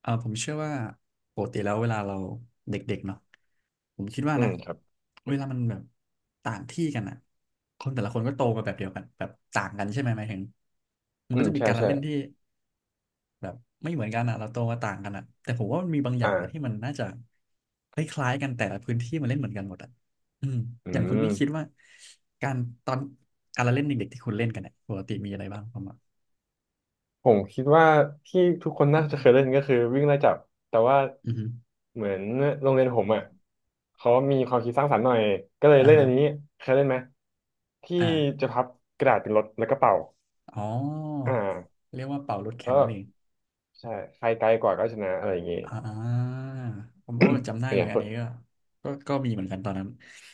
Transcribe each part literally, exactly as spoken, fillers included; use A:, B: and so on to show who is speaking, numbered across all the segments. A: เออผมเชื่อว่าปกติแล้วเวลาเราเด็กๆเนาะผมคิดว่า
B: อืม
A: นะ
B: ครับ
A: เวลามันแบบต่างที่กันอ่ะคนแต่ละคนก็โตมาแบบเดียวกันแบบต่างกันใช่ไหมหมายถึงมัน
B: อื
A: ก็
B: ม
A: จะมี
B: ใช่
A: การละ
B: ใช่
A: เล่นที่แบบไม่เหมือนกันอ่ะเราโตมาต่างกันอ่ะแต่ผมว่ามันมีบางอย่างอะที่
B: อ่า
A: มันน่าจะคล้ายๆกันแต่ละพื้นที่มันเล่นเหมือนกันหมดอ่ะอืม
B: อื
A: อย่างคุณ
B: ม
A: นี่คิดว่าการตอนการละเล่นเด็กๆที่คุณเล่นกันเนี่ยปกติมีอะไรบ้างประมาณ
B: ผมคิดว่าที่ทุกคนน่าจะเคยเล่นก็คือวิ่งไล่จับแต่ว่า
A: อือฮึ
B: เหมือนโรงเรียนผมอ่ะเขามีความคิดสร้างสรรค์หน่อยก็เลย
A: อ่า
B: เล่นอั
A: ฮะ
B: นนี้เคยเล่นไหมที่
A: อ่า
B: จะพับกระดาษเป็นรถแล้วก็เป่า
A: อ๋
B: อ่า
A: อเรียกว่าเป่ารถแข่
B: แล้
A: ง
B: ว
A: นั่นเอง
B: ใช่ใครไกลกว่าก็ชนะอะไรอย่างงี้
A: อ่าผมก็จำได้
B: เป็น
A: เล
B: อ
A: ย
B: ย่าง
A: อั
B: ค
A: น
B: น
A: นี้ก็ก็ก็มีเหมือนกันตอนนั้น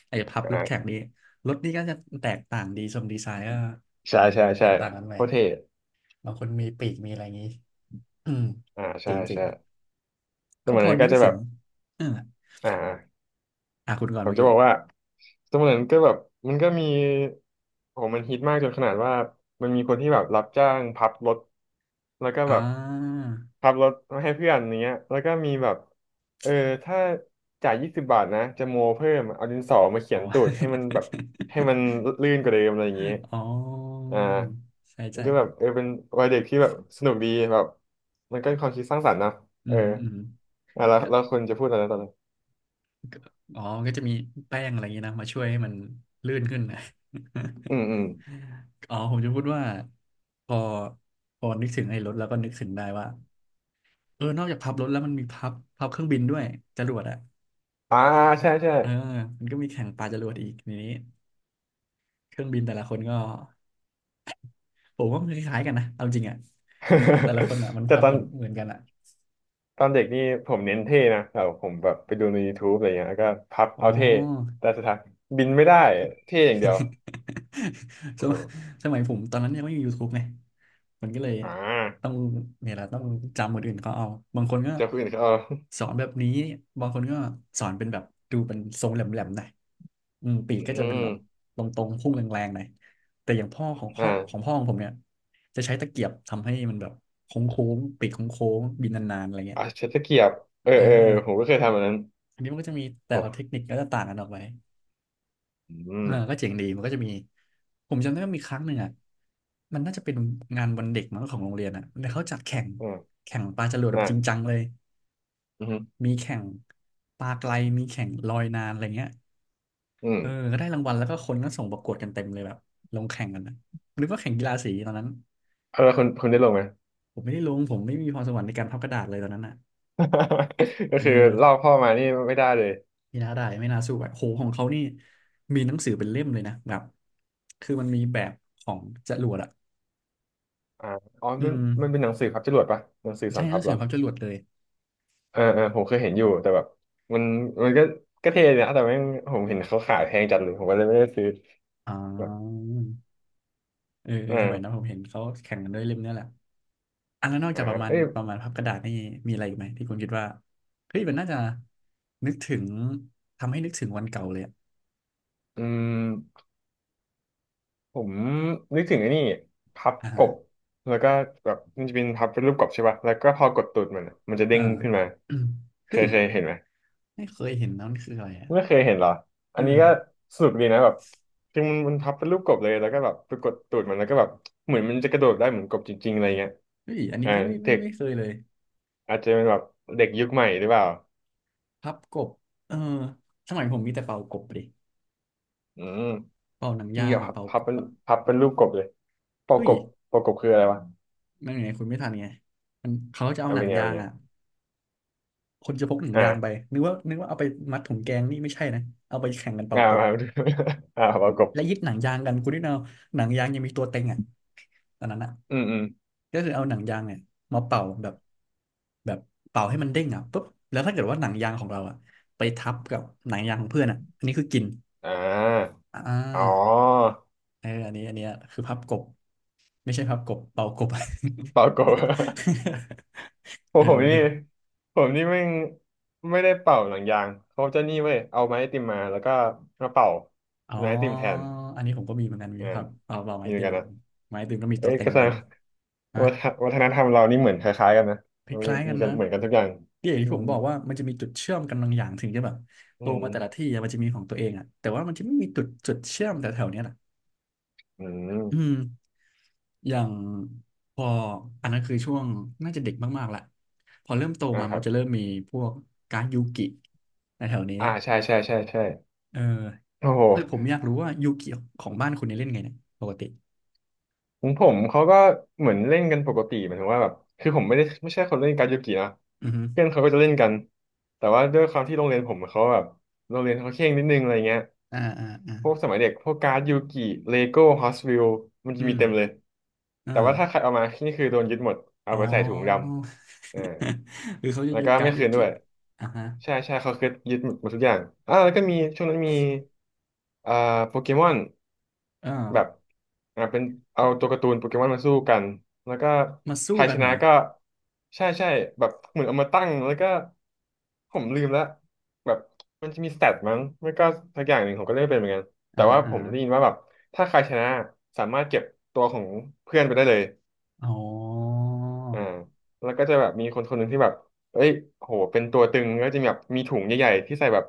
A: ไอ้พับร
B: อ่
A: ถแข่ง
B: า
A: นี่รถนี่ก็จะแตกต่างดีทรงดีไซน์ก็
B: ใช่ใช่
A: แต
B: ใช่
A: กต่างกันไป
B: โคตรเท่
A: บางคนมีปีกมีอะไรอย่างนี้ อืม
B: อ่า
A: จ
B: ใช่
A: ริงจริง
B: ใช่แต่
A: ก็
B: เหมือ
A: พ
B: น
A: อ
B: นั้น
A: นึ
B: ก็
A: ก
B: จะ
A: ถึ
B: แบ
A: ง
B: บ
A: เออ
B: อ่า
A: อ่ะคุณก่อน
B: ผม
A: เมื่อ
B: จะ
A: กี้
B: บอกว่าสมัยนั้นก็แบบมันก็มีโหมันฮิตมากจนขนาดว่ามันมีคนที่แบบรับจ้างพับรถแล้วก็แบ
A: อ่
B: บ
A: า
B: พับรถมาให้เพื่อนอย่างเงี้ยแล้วก็มีแบบเออถ้าจ่ายยี่สิบบาทนะจะโมเพิ่มเอาดินสอมาเขี
A: อ๋
B: ยนตูดให้มัน
A: อ
B: แบบให้มันลื่นกว่าเดิมอะไรอย่างเงี้ย
A: อ๋อ
B: อ่า
A: ใช่
B: มัน
A: ใช่
B: ก็แบบเออเป็นวัยเด็กที่แบบสนุกดีแบบมันก็เป็นความคิดสร้างสรรค์นะ
A: อื
B: เอ
A: ม
B: อ
A: อืม
B: อ่ะแล้ว
A: ก็
B: แล้วคุณจะพูดอะไรตอนนั้น
A: อ๋อมันก็จะมีแป้งอะไรอย่างนี้นะมาช่วยให้มันลื่นขึ้นนะ
B: อืมอืม
A: อ๋อผมจะพูดว่าพอพอนึกถึงไอ้รถแล้วก็นึกถึงได้ว่าเออนอกจากพับรถแล้วมันมีพับพับเครื่องบินด้วยจรวดอ่ะ
B: อ่าใช่ใช่
A: เออมันก็มีแข่งปาจรวดอีกในนี้เครื่องบินแต่ละคนก็ผมว่ามันคล้ายๆกันนะเอาจริงอ่ะแต่ละคนอ่ะมัน
B: แต่
A: พับ
B: ตอ
A: เห
B: น
A: มือนเหมือนกันอ่ะ
B: ตอนเด็กนี่ผมเน้นเท่นะแต่ผมแบบไปดูใน YouTube อะไรเงี้ยแล้วก็พับ
A: อ๋อ
B: เอาเท่แต่สุดท้ายบินไม่ได้เท่อย่างเดียว
A: ส
B: โอ้
A: ม
B: โห
A: สมัยผมตอนนั้นยังไม่มียูทูบไงมันก็เลย
B: อ่า
A: ต้องเนี่ยแหละต้องจำคนอื่นเขาเอาบางคนก็
B: เจ้าคนอื่นเขาเอา
A: สอนแบบนี้บางคนก็สอนเป็นแบบดูเป็นทรงแหลมๆหน่อยอืมปี
B: อื
A: กก็จะเป็น
B: ม
A: แบบตรงๆพุ่งแรงๆหน่อยแต่อย่างพ่อของพ่อของ
B: อ่า
A: พ่อของผมเนี่ยจะใช้ตะเกียบทำให้มันแบบโค้งๆปีกโค้งๆบินนานๆอะไรเงี้
B: อ่า
A: ย
B: ใช้ตะเกียบเออ
A: เออ
B: เออผมก็เคยทำอันนั้น
A: อันนี้มันก็จะมีแต่ละเทค
B: โอ้
A: นิคก็จะต่างกันออกไป
B: อื
A: เอ
B: ม
A: อก็เจ๋งดีมันก็จะมีผมจำได้ว่ามีครั้งหนึ่งอ่ะมันน่าจะเป็นงานวันเด็กมั้งของโรงเรียนอ่ะแล้วเขาจัดแข่ง
B: อ่า
A: แข่งปลาจรวดแบบจริงจั
B: อ่า
A: งเลย
B: อืม
A: มีแข่งปลาไกลมีแข่งลอยนานอะไรเงี้ย
B: อืม
A: เออก็ได้รางวัลแล้วก็คนก็ส่งประกวดกันเต็มเลยแบบลงแข่งกันนะนึกว่าแข่งกีฬาสีตอนนั้น
B: เอาแล้วคุณคุณได้ลงไหม
A: ผมไม่ได้ลงผมไม่มีพรสวรรค์ในการพับกระดาษเลยตอนนั้นอ่ะ
B: ก็
A: เออ
B: คือลอกพ่อมานี่ไม่ได้เลย
A: ไม่น่าได้ไม่น่าสู้อะโหของเขานี่มีหนังสือเป็นเล่มเลยนะแบบคือมันมีแบบของจรวดอ่ะ
B: อ่าอ๋อ
A: อื
B: มัน
A: ม
B: มันเป็นหนังสือพับจรวดปะหนังสือส
A: ใช่
B: อน
A: ห
B: พั
A: นั
B: บ
A: งสื
B: เหร
A: อ
B: อ
A: พับจรวดเลย
B: เออเออผมเคยเห็นอยู่แต่แบบมันมันก็ก็เท่ดีนะแต่แม่งผมเห็นเขาขายแพงจัดเลยผมก็เลยไม่ได้ซื้อ
A: อ๋
B: แบบ
A: อเออเอ
B: เอ
A: อสมัยนั้น
B: อ
A: ผมเห็นเขาแข่งกันด้วยเล่มเนี้ยแหละอันแล้วนอก
B: อ่า
A: จากประมาณ
B: เอ้ย
A: ประมาณพับกระดาษนี่มีอะไรอีกไหมที่คุณคิดว่าเฮ้ยมันน่าจะนึกถึงทำให้นึกถึงวันเก่าเลยอะ
B: อืมผมนึกถึงไอ้นี่พับ
A: อ่า
B: ก
A: ฮะ
B: บแล้วก็แบบมันจะเป็นพับเป็นรูปกบใช่ป่ะแล้วก็พอกดตูดมันอะมันจะเด้
A: อ่า
B: งขึ้นมา
A: อืม
B: เค
A: เฮ้ย
B: ยเคยเห็นไหม
A: ไม่เคยเห็นนะมันคืออะไรอ่ะ
B: ไม่เคยเห็นเหรออั
A: เออ
B: นนี้ก็สนุกดีนะแบบคือมันมันพับเป็นรูปกบเลยแล้วก็แบบไปกดตูดมันแล้วก็แบบเหมือนมันจะกระโดดได้เหมือนกบจริงๆอะไรเงี้ย
A: เฮ้ยอันนี้
B: อ่า
A: พี่ไม่ไม่
B: เด็ก
A: ไม่เคยเลย
B: อาจจะเป็นแบบเด็กยุคใหม่หรือเปล่า
A: พับกบเออสมัยผมมีแต่เป่ากบดิ
B: อืม
A: เป่าหนังยา
B: นี่เห
A: ง
B: รอ
A: อ่ะ
B: ยับ
A: เป่า
B: พั
A: ก
B: บ
A: บ
B: เป็น
A: อ่ะ
B: พับเป็นรูปกบเลยปอ
A: เฮ้
B: ก
A: ย
B: บปอกบคืออะไรวะ
A: นั่นไงคุณไม่ทันไงมันเขาจะเอา
B: เอา
A: หนั
B: เป็
A: ง
B: นไง
A: ยา
B: เป็น
A: ง
B: ไง
A: อ่ะ คนจะพกหนังยางไป
B: อ่า
A: นึกว่านึกว่าเอาไปมัดถุงแกงนี่ไม่ใช่นะเอาไปแข่งกันเป่า
B: อ่า
A: กบ
B: มาดู อ่าปอก
A: และ
B: บ
A: ยึดหนังยางกันคุณนี่เอาหนังยางยังมีตัวเต็งอ่ะตอนนั้นอ่ะ
B: อืมอืม
A: ก็คือเอาหนังยางเนี่ยมาเป่าแบบแบบเป่าให้มันเด้งอ่ะปุ๊บแล้วถ้าเกิดว่าหนังยางของเราอ่ะไปทับกับหนังยางของเพื่อนอ่ะอันนี้คือกิน
B: อ่า
A: อ่
B: อ๋อ
A: าเอออันนี้อันเนี้ยคือพับกบไม่ใช่พับกบเป่ากบ
B: เป่ากบ ผ
A: เอ
B: ม
A: อ
B: ผมนี่ผมนี่ไม่งไม่ได้เป่าหนังยางเขาจะนี่เว้ยเอาไม้ไอติมมาแล้วก็มาเป่า
A: อ๋อ
B: ไม้ไอติมแทน
A: อันนี้ผมก็มีเหมือนกันมี
B: อ่า
A: ครับเอาเอาไม้
B: นี่เหมื
A: ตี
B: อน
A: นเห
B: กั
A: มื
B: น
A: อน
B: นะ
A: กันไม้ตีนก็มี
B: เอ้
A: ตัว
B: ย
A: เต็ง
B: ก็
A: เหมื
B: แส
A: อน
B: ด
A: กั
B: ง
A: นนะ
B: วัฒนวัฒนธรรมเรานี่เหมือนคล้ายๆกันนะ
A: ค
B: มัน
A: ล้ายๆกั
B: มี
A: น
B: กัน
A: นะ
B: เหมือนกันทุกอย่าง
A: ที่อย่าง
B: อื
A: ที่ผ
B: ม
A: มบอกว่ามันจะมีจุดเชื่อมกันบางอย่างถึงจะแบบโต
B: อืม
A: มาแต่ละที่อะมันจะมีของตัวเองอ่ะแต่ว่ามันจะไม่มีจุดจุดเชื่อมแต่แถวๆเนี้ยแหละ
B: อื
A: อืม
B: ม
A: อย่างพออันนั้นคือช่วงน่าจะเด็กมากๆละพอเริ่มโต
B: อ่า
A: มา
B: ค
A: มั
B: รั
A: น
B: บ
A: จะเริ่มมีพวกการดยูกิในแถวนี้
B: อ่าใช่ใช่ใช่ใช่
A: เออ
B: โอ้โห
A: เออผมอยากรู้ว่ายูกิของบ้านคุณเนี่ยเล่นไงเนี่ยปกติ
B: ของผมเขาก็เหมือนเล่นกันปกติเหมือนว่าแบบคือผมไม่ได้ไม่ใช่คนเล่นการ์ดยูกินะ
A: อือฮึ
B: เพื่อนเขาก็จะเล่นกันแต่ว่าด้วยความที่โรงเรียนผมเขาแบบโรงเรียนเขาเคร่งนิดนึงอะไรเงี้ย
A: อ่าอ่าอ่า
B: พวกสมัยเด็กพวกการ์ดยูกิเลโก้ฮอสวิลมัน
A: อื
B: จะมี
A: ม
B: เต็มเลย
A: อ
B: แต่ว่าถ้าใคร
A: ่า
B: เอามานี่คือโดนยึดหมดเอา
A: อ๋อ
B: ไปใส่ถุงดำ อ่า
A: หรือเขาจะ
B: แล้ว
A: ยึด
B: ก็
A: กา
B: ไม่
A: ร์ดยู
B: คืนด้
A: กิ
B: วย
A: อ่าฮะ
B: ใช่ใช่เขาคือยึดหมดทุกอย่างอ่าแล้วก็มีช่วงนั้นมีอ่าโปเกมอน
A: เออ
B: แบบอ่าเป็นเอาตัวการ์ตูนโปเกมอนมาสู้กันแล้วก็
A: มา
B: ใค
A: สู้
B: ร
A: กั
B: ช
A: นเหร
B: นะ
A: อ
B: ก็ใช่ใช่แบบเหมือนเอามาตั้งแล้วก็ผมลืมแล้วแบบมันจะมีสเตตมั้งไม่ก็สักอย่างหนึ่งผมก็เล่นไม่เป็นเหมือนกัน
A: อ่า
B: แต่
A: ฮะ
B: ว่าผ
A: อ่า
B: ม
A: ฮะ
B: ได้ยินว่าแบบถ้าใครชนะสามารถเก็บตัวของเพื่อนไปได้เลย
A: อ๋อ
B: อ่าแล้วก็จะแบบมีคนคนหนึ่งที่แบบเอ้ยโหเป็นตัวตึงก็จะมีแบบมีถุงใหญ่ๆที่ใส่แบบ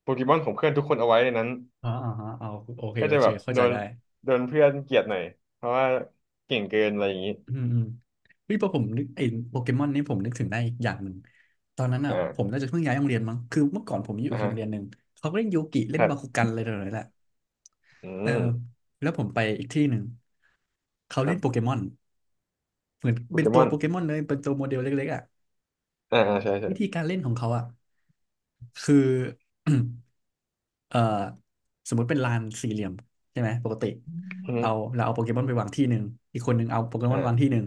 B: โปเกมอนของเพื่อนทุกคนเอาไว้ในนั้น
A: อ่าอ่าฮะเอาโอเค
B: ก็
A: โอ
B: จะ
A: เค
B: แบบ
A: เข้า
B: โด
A: ใจ
B: น
A: ได้
B: โดนเพื่อนเกลียดหน่อยเพราะว่าเก่งเกินอะไรอย่างนี้
A: อืมอืมเฮ้ยพอผมนึกไอ้โปเกมอนนี่ผมนึกถึงได้อีกอย่างหนึ่งตอนนั้นอ่ะ
B: อ่
A: ผม
B: า
A: น่าจะเพิ่งย้ายโรงเรียนมั้งคือเมื่อก่อนผมอยู่
B: อ่า
A: อีกโร
B: ฮะ
A: งเรียนหนึ่งเขาก็เล่นโยกิเล่
B: ค
A: น
B: รั
A: บาคุ
B: บ
A: กันอะไรต่ออะไรแหละ
B: อื
A: เออ
B: ม
A: แล้วผมไปอีกที่หนึ่งเขา
B: ครั
A: เล่นโปเก
B: บ
A: มอนเหมือน
B: โป
A: เป็
B: เก
A: น
B: ม
A: ตัว
B: อน
A: โปเกมอนเลยเป็นตัวโมเดลเล็กๆอ่ะ
B: อ่าอ่าใช่ใช่
A: วิธีการเล่นของเขาอ่ะคือ เอ่อสมมติเป็นลานสี่เหลี่ยมใช่ไหมปกติ
B: อื
A: เรา
B: ม
A: เราเอาโปเกมอนไปวางที่หนึ่งอีกคนหนึ่งเอาโปเกมอนวาง
B: อ่า
A: ที่หนึ่ง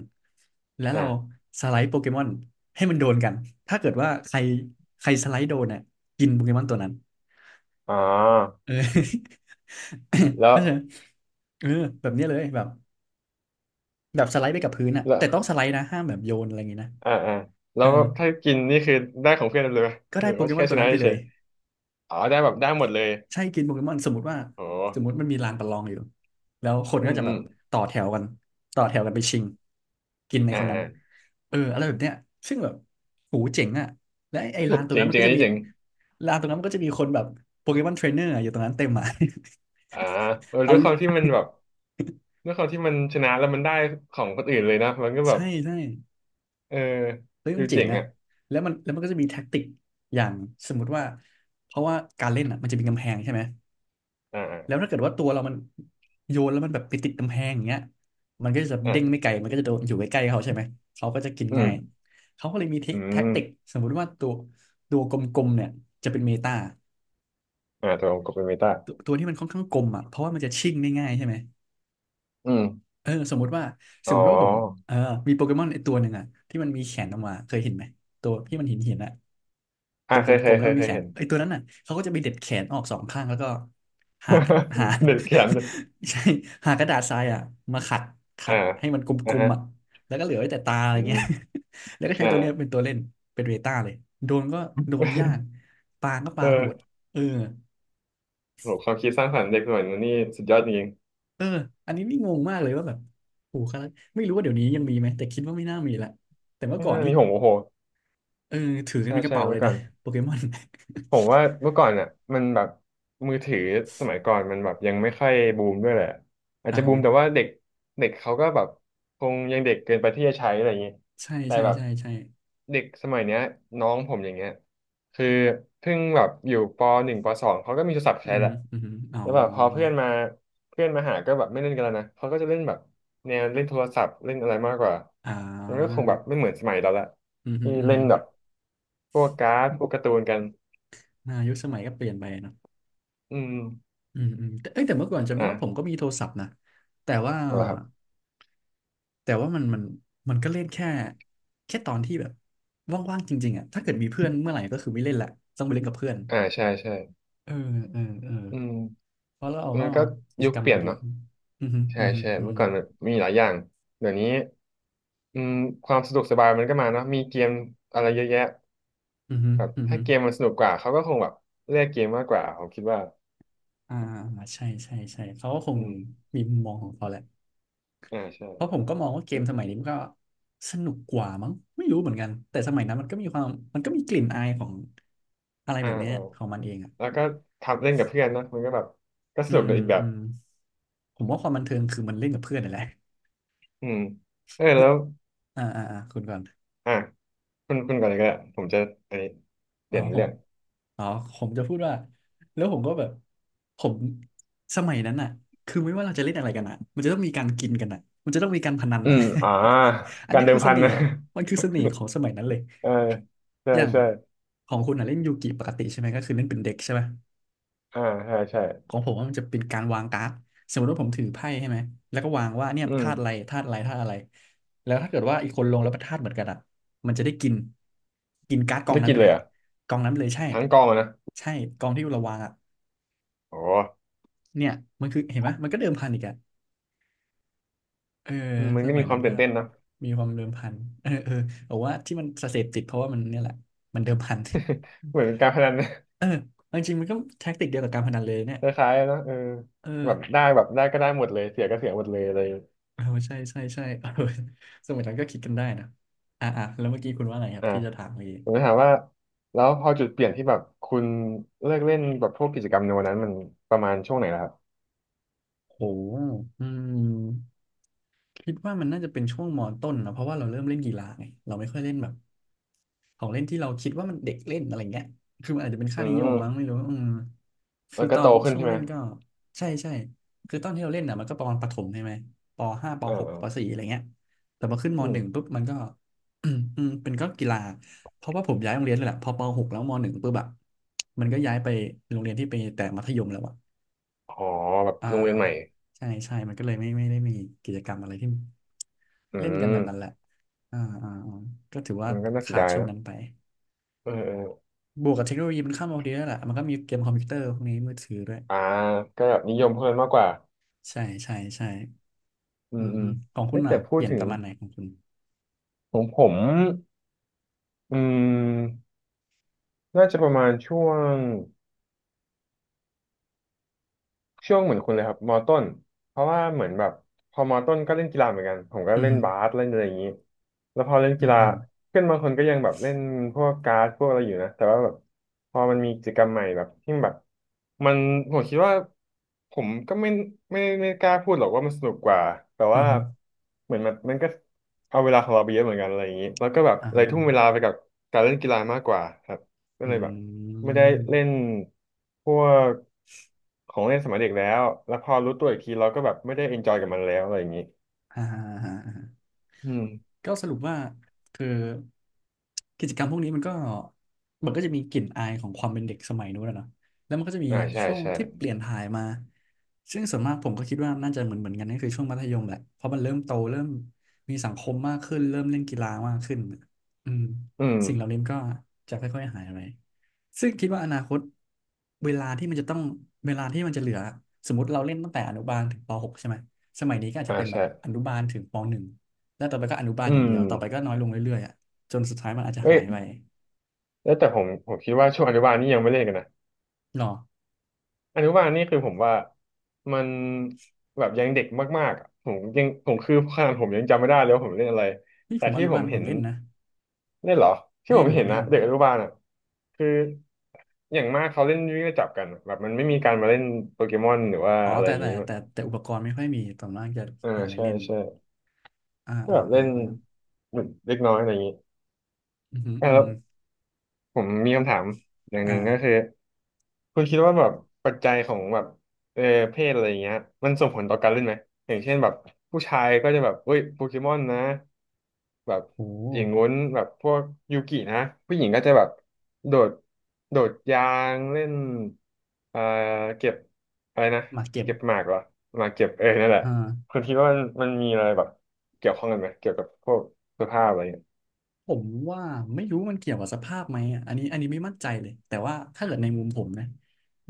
A: แล้วเรา
B: อ่า
A: สไลด์โปเกมอนให้มันโดนกันถ้าเกิดว่าใครใครสไลด์โดนเนี่ยกินโปเกมอนตัวนั้น
B: อ๋อ
A: เออ
B: แล้ว
A: เข้าใจไหมเออแบบเนี้ยเลยแบบแบบสไลด์ไปกับพื้นอ่ะ
B: แล้
A: แต่
B: ว
A: ต้องสไลด์นะห้ามแบบโยนอะไรอย่างงี้นะ
B: อ่าอ่าแล้
A: เออ
B: วถ้ากินนี่คือได้ของเพื่อนเลยไหม
A: ก็
B: ห
A: ได้
B: รือ
A: โป
B: ว่า
A: เกมอ
B: แค่
A: นตั
B: ช
A: ว
B: นะ
A: นั้นไปเล
B: เฉ
A: ย
B: ยอ๋อได้แบบได้หมดเลย
A: ใช่กินโปเกมอนสมมติว่า
B: โอ้
A: สมมติมันมีลานประลองอยู่แล้วคน
B: อื
A: ก็
B: ม
A: จะ
B: อื
A: แบ
B: ม
A: บต่อแถวกันต่อแถวกันไปชิงกินใน
B: อ่า
A: คนนั้น
B: อ่า
A: เอออะไรแบบเนี้ยซึ่งแบบหูเจ๋งอ่ะและไอ้ไอ้ลานตรง
B: เจ๋
A: นั้
B: ง
A: นมัน
B: เจ๋ง
A: ก็
B: อัน
A: จะ
B: นี้
A: มี
B: เจ๋ง
A: ลานตรงนั้นมันก็จะมีคนแบบโปเกมอนเทรนเนอร์อยู่ตรงนั้นเต็มอ่ะ
B: อ่าเออ
A: เอา
B: ด้วยความที่มันแบบด้วยความที่มันชนะแล้วมันได้ของคนอื่นเลยนะมันก็แบบ
A: ใช่ใช่
B: เออ
A: เฮ้ย
B: ดู
A: มันเจ๋
B: เจ๋
A: ง
B: ง
A: อ่ะ
B: อ่ะ
A: แล้วมันแล้วมันก็จะมีแท็กติกอย่างสมมุติว่าเพราะว่าการเล่นอ่ะมันจะมีกำแพงใช่ไหม แล้ว
B: อ่า
A: ถ้าเกิดว่าตัวเรามันโยนแล้วมันแบบไปติดกำแพงอย่างเงี้ยมันก็จะเด้งไม่
B: อ่า
A: ไกลมันก็จะโดนอยู่ใกล้ๆเขาใช่ไหมเขาก็จะกิน
B: อื
A: ง่า
B: ม
A: ยเขาก็เลยมีเท
B: อื
A: คแท็
B: ม
A: กติกสมมุติว่าตัวตัวกลมๆเนี่ยจะเป็นเมตา
B: อ่าตวองค์กับเป็นเมตา
A: ตัวตัวที่มันค่อนข้างกลมอ่ะเพราะว่ามันจะชิ่งได้ง่ายใช่ไหม
B: อืม
A: เออสมมติว่าส
B: อ๋
A: มมติว่าผม
B: อ
A: เออมีโปเกมอนไอตัวหนึ่งอะที่มันมีแขนออกมาเคยเห็นไหมตัวที่มันหินหินอะ
B: อ่า
A: ตัวก
B: เคยเค
A: ล
B: ย
A: มๆแล้
B: เค
A: วมั
B: ย
A: น
B: เค
A: มี
B: ย
A: แขน
B: เห็น
A: ไอตัวนั้นอะเขาก็จะไปเด็ดแขนออกสองข้างแล้วก็หากหา
B: เด็กเขียน
A: ใช่หากระดาษทรายอะมาขัดขั
B: อ่า
A: ดให้มันก
B: อ่า
A: ลม
B: ฮะ
A: ๆอะแล้วก็เหลือไว้แต่ตาอะไร
B: อื
A: เงี้
B: ม
A: ย แล้วก็ใช้ตัวเนี้ย
B: อ่า
A: เป็นตัวเล่นเป็นเวต้าเลยโดนก็โดนยากปาก็
B: เอ
A: ปาโหด
B: อ
A: เออ
B: โหความคิดสร้างสรรค์เด็กสมัยนี้นี่สุดยอดจริง
A: เอออันนี้นี่งงมากเลยว่าแบบโอ้โหคาราไม่รู้ว่าเดี๋ยวนี้ยังมีไหมแต่คิดว่าไม่น่ามีละแต่
B: ๆ
A: เมื่อ
B: ไม่
A: ก่อน
B: น่า
A: นี่
B: มีหงโอ้โห
A: เออถือกัน
B: ใช่
A: เป็นกระ
B: ใช่
A: เป๋าเล
B: เมื่อ
A: ย
B: ก่
A: นะ
B: อน
A: โปเกมอน
B: ผมว่าเมื่อก่อนอ่ะมันแบบมือถือสมัยก่อนมันแบบยังไม่ค่อยบูมด้วยแหละอา จ
A: อ่า
B: จะบู
A: ฮะ
B: มแต่ว่าเด็กเด็กเขาก็แบบคงยังเด็กเกินไปที่จะใช้อะไรอย่างงี้
A: ใช่
B: แต่
A: ใช่
B: แบบ
A: ใช่ใช่
B: เด็กสมัยเนี้ยน้องผมอย่างเงี้ย คือเพิ่งแบบอยู่ปหนึ่งปสองเขาก็มีโทรศัพท์
A: อื
B: ใช้แห
A: ม
B: ละ
A: อืมอ๋อ
B: แล้วแบบพอเพื่อนมาเพื่อนมาหาก็แบบไม่เล่นกันแล้วนะเขาก็จะเล่นแบบแนวเล่นโทรศัพท์เล่นอะไรมากกว่า
A: อ่
B: มันก็ค
A: า
B: งแบบไม่เหมือนสมัยเราละ
A: อืมอื
B: ที่
A: มอืม
B: เล่นแบบพวกการ์ดพวกการ์ตูนกัน
A: นายุคสมัยก็เปลี่ยนไปเนอะ
B: อืม
A: อืมอืมแต่เอ้ยแต่เมื่อก่อนจำได้ว่าผม
B: อ่า
A: ก็มีโทรศัพท์นะแต่ว่า
B: เอาละครับ
A: แต่ว่ามันมันมันก็เล่นแค่แค่ตอนที่แบบว่างๆจริงๆอ่ะถ้าเกิดมีเพื่อนเมื่อไหร่ก็คือไม่เล่นละ ต้องไปเล่นกับเพื่อน
B: อ่าใช่ใช่
A: เออเออเออ
B: อืม
A: เพราะเรา
B: มัน
A: ก็
B: ก็
A: กิ
B: ยุ
A: จ
B: ค
A: กรร
B: เป
A: ม
B: ลี่
A: มั
B: ย
A: น
B: น
A: เยอะ
B: เนาะ
A: อือฮึ
B: ใช่
A: อือฮึ
B: ใช่
A: อือ
B: เมื่อ
A: ฮึ
B: ก่อนมันมีหลายอย่างเดี๋ยวนี้อืมความสะดวกสบายมันก็มาเนาะมีเกมอะไรเยอะแยะ
A: อือฮึ
B: แบบ
A: อือฮึ
B: ถ้าเกมมันสนุกกว่าเขาก็คงแบบเลือกเกมมากกว่าผมคิดว่า
A: อ่าใช่ใช่ใช่เขาก็คง
B: อืม
A: มีมุมมองของเขาแหละ
B: อ่าใช่
A: เพราะผมก็มองว่าเกมสมัยนี้มันก็สนุกกว่ามั้งไม่รู้เหมือนกันแต่สมัยนั้นมันก็มีความมันก็มีกลิ่นอายของอะไร
B: อ่า
A: แบบเนี้ย
B: อ่า
A: ของมันเองอ่ะ
B: แล้วก็ทำเล่นกับเพื่อนเนอะมันก็แบบก็ส
A: อื
B: นุกใน
A: ม
B: อีกแบ
A: อื
B: บ
A: มผมว่าความบันเทิงคือมันเล่นกับเพื่อนนี่นแหละ
B: อืมเออ
A: แล้
B: แล้
A: ว
B: ว
A: อ่าอ่าอ่าคุณก่อน
B: อ่ะคุณคุณก่อนเลยก็ได้ผมจะอันนี้เป
A: อ๋อ
B: ลี่ยน
A: ผ
B: เรื่
A: ม
B: อง
A: อ๋อผมจะพูดว่าแล้วผมก็แบบผมสมัยนั้นอ่ะคือไม่ว่าเราจะเล่นอะไรกันอ่ะมันจะต้องมีการกินกันอ่ะมันจะต้องมีการพนัน
B: อื
A: น่ะ
B: มอ่า
A: อัน
B: การ
A: นี้
B: เดิ
A: คื
B: ม
A: อเส
B: พัน
A: น่ห์
B: นะ
A: มันคือเสน่ห์ของสมัยนั้นเลย
B: เออใช่
A: อย่าง
B: ใช่
A: ของคุณอ่ะเล่นยูกิปกติใช่ไหมก็คือเล่นเป็นเด็กใช่ไหม
B: อ่าใช่
A: ข
B: ใช่
A: องผมว่ามันจะเป็นการวางการ์ดสมมติว่าผมถือไพ่ใช่ไหมแล้วก็วางว่าเนี่ย
B: อืม
A: ธาตุอะไรธาตุอะไรธาตุอะไรแล้วถ้าเกิดว่าอีกคนลงแล้วเป็นธาตุเหมือนกันอ่ะมันจะได้กินกินการ์ดกอง
B: ได้
A: นั้น
B: กิ
A: ไป
B: น
A: เล
B: เล
A: ย
B: ยเหร
A: อะ
B: อ่ะ
A: กองนั้นไปเลยใช่
B: ทั้งกองอะนะ
A: ใช่กองที่เราวางอ่ะ
B: โอ้
A: เนี่ยมันคือเห็นไหมมันก็เดิมพันอีกอ่ะเออ
B: อืมมัน
A: ส
B: ก็
A: มั
B: มี
A: ย
B: ควา
A: นั้น
B: ม
A: ก็
B: ตื่นเต้นนะ
A: มีความเดิมพันเออเออบอกว่าที่มันเสพติดเพราะว่ามันเนี่ยแหละมันเดิมพัน
B: เหมือนเป็นการพนันนะ
A: เออ จริงๆมันก็แท็กติกเดียวกับการพนันเลยเนี่ย
B: คล้ายๆนะเออ
A: เออ
B: แบบได้แบบได้ก็ได้หมดเลยเสียก็เสียหมดเลยอะไร
A: เออใช่ใช่ใช่ เออสมัยนั้นก็คิดกันได้นะอ่ะอ่ะแล้วเมื่อกี้คุณว่าอะไรครับ
B: อ่า
A: ที่จะถามเมื่อกี้
B: ผมจะถามว่าแล้วพอจุดเปลี่ยนที่แบบคุณเลิกเล่นแบบพวกกิจกรรมในวันนั้นมันประมาณช่วงไหนล่ะครับ
A: โอ้อืม คิดว่ามันน่าจะเป็นช่วงมต้นนะเพราะว่าเราเริ่มเล่นกีฬาไงเราไม่ค่อยเล่นแบบของเล่นที่เราคิดว่ามันเด็กเล่นอะไรเงี้ยคือมันอาจจะเป็น
B: อื
A: ค่านิยมมั้งไม่
B: ม
A: รู้อืมคื
B: มั
A: อ
B: น
A: ต
B: ก็
A: อ
B: โต
A: น
B: ขึ้น
A: ช่วง
B: ใช่ไหม
A: เล่นก็ใช่ใช่คือตอนที่เราเล่นอ่ะมันก็ประมาณประถมใช่ไหมปห้าป
B: อ่า
A: หก
B: อา
A: ปสี่อะไรเงี้ยแต่พอขึ้นม
B: อื
A: ห
B: ม
A: นึ่งปุ๊บมันก็ อืมเป็นก็กีฬาเพราะว่าผมย้ายโรงเรียนเลยแหละพอปหกแล้วมหนึ่งปุ๊บแบบมันก็ย้ายไปโรงเรียนที่ไปแต่มัธยมแล้วอะ
B: อ๋อแบบ
A: อ่า
B: โรงเรียนใหม่
A: ใช่ใช่มันก็เลยไม่ไม่ได้มีกิจกรรมอะไรที่
B: อื
A: เล่นกัน
B: ม
A: แบบนั้นแหละอ่าอ่าอ่าก็ถือว่า
B: มันก็น่าเสีย
A: ขาด
B: ดาย
A: ช่ว
B: เน
A: ง
B: อะ
A: นั้นไป
B: เออเออ
A: บวกกับเทคโนโลยีมันเข้ามาพอดีแล้วยแหละมันก็มีเกมคอมพิวเตอร์พวกนี้มือถือด้วย
B: อ่าก็แบบนิยมเพื่อนมากกว่า
A: ใช่ใช่ใช่
B: อื
A: อื
B: ม
A: อ
B: อื
A: ฮึ
B: ม
A: ของคุ
B: เฮ้
A: ณ
B: ย
A: อ่ะ
B: แต่พู
A: เป
B: ด
A: ลี่ยน
B: ถึ
A: ป
B: ง
A: ระมาณไหนของคุณ
B: ของผมอืมน่าจะประมาณช่วง ช่วงเหมือนคุณเลยครับมอต้นเพราะว่าเหมือนแบบพอมอต้นก็เล่นกีฬาเหมือนกันผมก็
A: อือ
B: เล่น
A: ฮึ
B: บาสเล่นอะไรอย่างนี้แล้วพอเล่น
A: อื
B: กี
A: อ
B: ฬา
A: ฮึ
B: เพื่อนบางคนก็ยังแบบเล่นพวกการ์ดพวกอะไรอยู่นะแต่ว่าแบบพอมันมีกิจกรรมใหม่แบบที่แบบมันผมคิดว่าผมก็ไม่ไม่ไม่กล้าพูดหรอกว่ามันสนุกกว่าแต่
A: อื
B: ว่า
A: อฮึ
B: เหมือนมันมันก็เอาเวลาของเราไปเยอะเหมือนกันอะไรอย่างนี้แล้วก็แบบ
A: อ่า
B: เล
A: ฮะ
B: ยทุ่มเวลาไปกับการเล่นกีฬามากกว่าครับ ก็
A: อื
B: เลยแบบ
A: ม
B: ไม่ได้เล่นพวกของเล่นสมัยเด็กแล้วแล้วพอรู้ตัวอีกทีเราก็แบบไม่ได้เอนจอยกับมันแล้วอะไรอย่างนี้
A: อ่าฮะอ่าฮะ
B: อืม
A: ก็สรุปว่าคือกิจกรรมพวกนี้มันก็มันก็จะมีกลิ่นอายของความเป็นเด็กสมัยนู้นอะเนาะแล้วมันก็จะมี
B: อ่าใช่
A: ช่วง
B: ใช่
A: ที่เปลี่ยนถ่ายมาซึ่งส่วนมากผมก็คิดว่าน่าจะเหมือนเหมือนกันนั่นคือช่วงมัธยมแหละเพราะมันเริ่มโตเริ่มมีสังคมมากขึ้นเริ่มเล่นกีฬามากขึ้นอืม
B: อืม
A: สิ่งเหล่านี้มันก็จะค่อยๆหายไปซึ่งคิดว่าอนาคตเวลาที่มันจะต้องเวลาที่มันจะเหลือสมมติเราเล่นตั้งแต่อนุบาลถึงปหกใช่ไหมสมัยนี้ก็อาจ
B: อ่า
A: จะเป็นแบ
B: ใช่
A: บอนุบาลถึงปหนึ่ง แล้วต่อไปก็อนุบาล
B: อื
A: อย่าง
B: ม
A: เดียวต่อไปก็น้อยลงเรื่อยๆอ่ะจนสุดท้ายมันอาจจะ
B: เอ้
A: หา
B: ย
A: ยไป
B: แล้วแต่ผมผมคิดว่าช่วงอนุบาลนี่ยังไม่เล่นกันนะ
A: หรอ
B: อนุบาลนี่คือผมว่ามันแบบยังเด็กมากๆอะผมยังผมคือขนาดผมยังจำไม่ได้เลยว่าผมเล่นอะไร
A: นี่
B: แต่
A: ผมอ
B: ที่
A: นุ
B: ผ
A: บาล
B: ม
A: ผ
B: เห็
A: ม
B: น
A: เล่นนะ
B: เล่นเหรอที่ผ
A: เล่
B: ม
A: น
B: เห็น
A: เล่
B: นะ
A: น
B: เด็กอนุบาลอ่ะคือ อย่างมากเขาเล่นวิ่งไล่จับกันอะแบบมันไม่มีการมาเล่นโปเกมอนหรือว่า
A: อ๋อ
B: อะไร
A: แต่
B: อย่าง
A: แต่
B: นี้มา
A: แต่แต่แต่อุปกรณ์ไม่ค่อยมีต่นนั้นจะ
B: เออ
A: หาอะไร
B: ใช่
A: เล่น
B: ใช่
A: อ่า
B: ก็
A: อ่า
B: แบบเล่
A: อ่า
B: น
A: อ่า
B: เหมือนเล็กน้อยอะไรอย่างนี้
A: อืมอหืมอ
B: อ่ะ
A: อือ
B: แล้ว
A: หือ
B: ผมมีคำถามอย่างหนึ่งก็
A: อ่า
B: คือคุณคิดว่าแบบปัจจัยของแบบเออเพศอะไรอย่างเงี้ยมันส่งผลต่อการเล่นไหมอย่างเช่นแบบผู้ชายก็จะแบบเอ้ยโปเกมอนนะ แบบ
A: โ
B: อย่าง
A: ห
B: งู้นแบบพวกยูกินะผู้หญิงก็จะแบบโดดโดดยางเล่นเอ่อเก็บอะไรนะ
A: หมากเก็บ
B: เก็บหมากเหรอหมากเก็บเออนั่นแหละ
A: อ่า
B: คุณคิดว่ามันมันมีอะไรแบบเกี่ยวข้องกันไหมเกี่ยวกับพวกเสื้อผ้าอะไรเงี้ย
A: ผมว่าไม่รู้มันเกี่ยวกับสภาพไหมอะอันนี้อันนี้ไม่มั่นใจเลยแต่ว่าถ้าเกิดในมุมผมนะ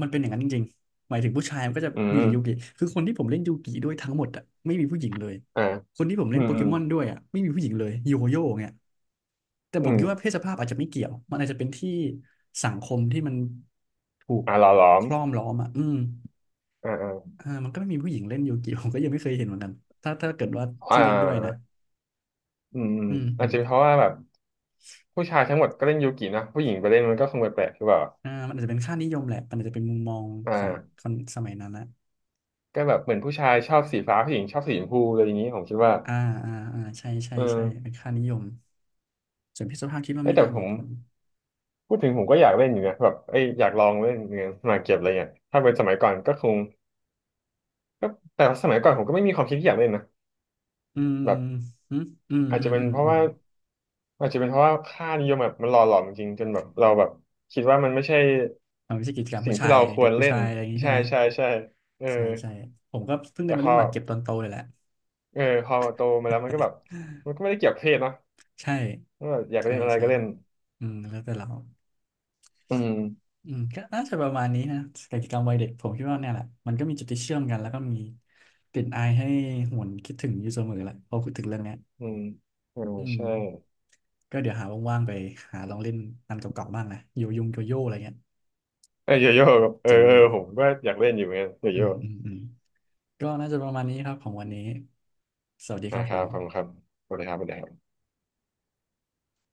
A: มันเป็นอย่างนั้นจริงๆหมายถึงผู้ชายมันก็จะ
B: อื
A: มี
B: ม
A: แต่ยูกิคือคนที่ผมเล่นยูกิด้วยทั้งหมดอ่ะไม่มีผู้หญิงเลย
B: อ่า
A: คนที่ผม
B: อื
A: เล่น
B: ม
A: โป
B: อื
A: เก
B: ม
A: มอนด้วยอ่ะไม่มีผู้หญิงเลยโยโย่เนี่ยแต่
B: อื
A: ผม
B: ม
A: คิดว่าเพศสภาพอาจจะไม่เกี่ยวมันอาจจะเป็นที่สังคมที่มันถูก
B: อ่าหล่อหลอ
A: ค
B: ม
A: รอบล้อมอ่ะอืม
B: อ่าอ่า
A: อ่ามันก็ไม่มีผู้หญิงเล่นยูกิผมก็ยังไม่เคยเห็นเหมือนกันถ้าถ้าเกิดว่า
B: อ่
A: ที่เล่นด้วยนะ
B: าอืมอืม
A: อืมอื
B: อาจ
A: ม
B: จะเป็นเพราะว่าแบบผู้ชายทั้งหมดก็เล่นยูกินะผู้หญิงไปเล่นมันก็คงแปลกๆหรือเปล่า
A: อ่ามันอาจจะเป็นค่านิยมแหละมันอาจจะเป็นมุมมอง
B: อ
A: ของ
B: ่า
A: คนสมัยนั้นละ
B: ก็แบบเหมือนผู้ชายชอบสีฟ้าผู้หญิงชอบสีชมพูอะไรอย่างนี้ผมคิดว่า
A: อ่าอ่าอ่าใช่ใช่
B: เออ
A: ใช่ เป็นค่านิยมส่วนเพศสภาพคิดว่า
B: เอ้ย
A: ไม่
B: แต่
A: น่า
B: ผ
A: มี
B: ม
A: ผล
B: พูดถึงผมก็อยากเล่นอยู่นะแบบเอ้ยอยากลองเล่นเงินมาเก็บอะไรเงี้ยถ้าเป็นสมัยก่อนก็คงก็แต่สมัยก่อนผมก็ไม่มีความคิดที่อยากเล่นนะ
A: อืม
B: แบบ
A: อืมอืม
B: อาจ
A: อื
B: จะ
A: ม
B: เป็น
A: อืม
B: เพราะ
A: อืม
B: ว่าอาจจะเป็นเพราะว่าค่านิยมแบบมันหล่อหลอมจริงๆจนแบบเราแบบคิดว่ามันไม่ใช่
A: มันไม่ใช่กิจกรรม
B: สิ่
A: ผู้
B: ง
A: ชา
B: ที่
A: ย
B: เราค
A: เด็
B: ว
A: ก
B: ร
A: ผู้
B: เล่
A: ชา
B: น
A: ยอะไรอย่างนี้
B: ใช่
A: ใช่ไหม
B: ใช่ใช่เออ
A: ใช่ใช่ผมก็เพิ่งได้
B: แต่
A: มา
B: พ
A: เล่
B: อ
A: นหมากเก็บตอนโตเลยแหละ
B: เออพอโตมาแล้วมันก็แบบมันก็ไม่ได้เกี่ยวกับเพศเนอะ
A: ใช่
B: ก็แบบอยาก
A: ใช่
B: เล่นอะไร
A: ใช่
B: ก็เล่น
A: อืมแล้วแต่เรา
B: อืม
A: อืมก็น่าจะประมาณนี้นะกิจกรรมวัยเด็กผมคิดว่าเนี่ยแหละ มันก็มีจุดที่เชื่อมกันแล้วก็มีกลิ่นอายให้หวนคิดถึงอยู่เสมอแหละพอพูดถึงเรื่องเนี้ย
B: อืมอืม
A: อืม
B: ใช่
A: ก็เดี๋ยวหาว่างๆไปหาลองเล่นอันเก่าๆบ้างนะโยยงโยโย่อะไรเงี้ย
B: เออโยโย่กับเออ
A: เจ๋ง
B: เอ
A: ดี
B: อผมก็อยากเล่นอยู่เหมือนกันโย
A: อื
B: โย่
A: มอืมอืมก็น่าจะประมาณนี้ครับของวันนี้สวัสดีครั
B: นะ
A: บ
B: ค
A: ผ
B: รับ
A: ม
B: ขอบคุณครับสวัสดีครับสวัสดีครับ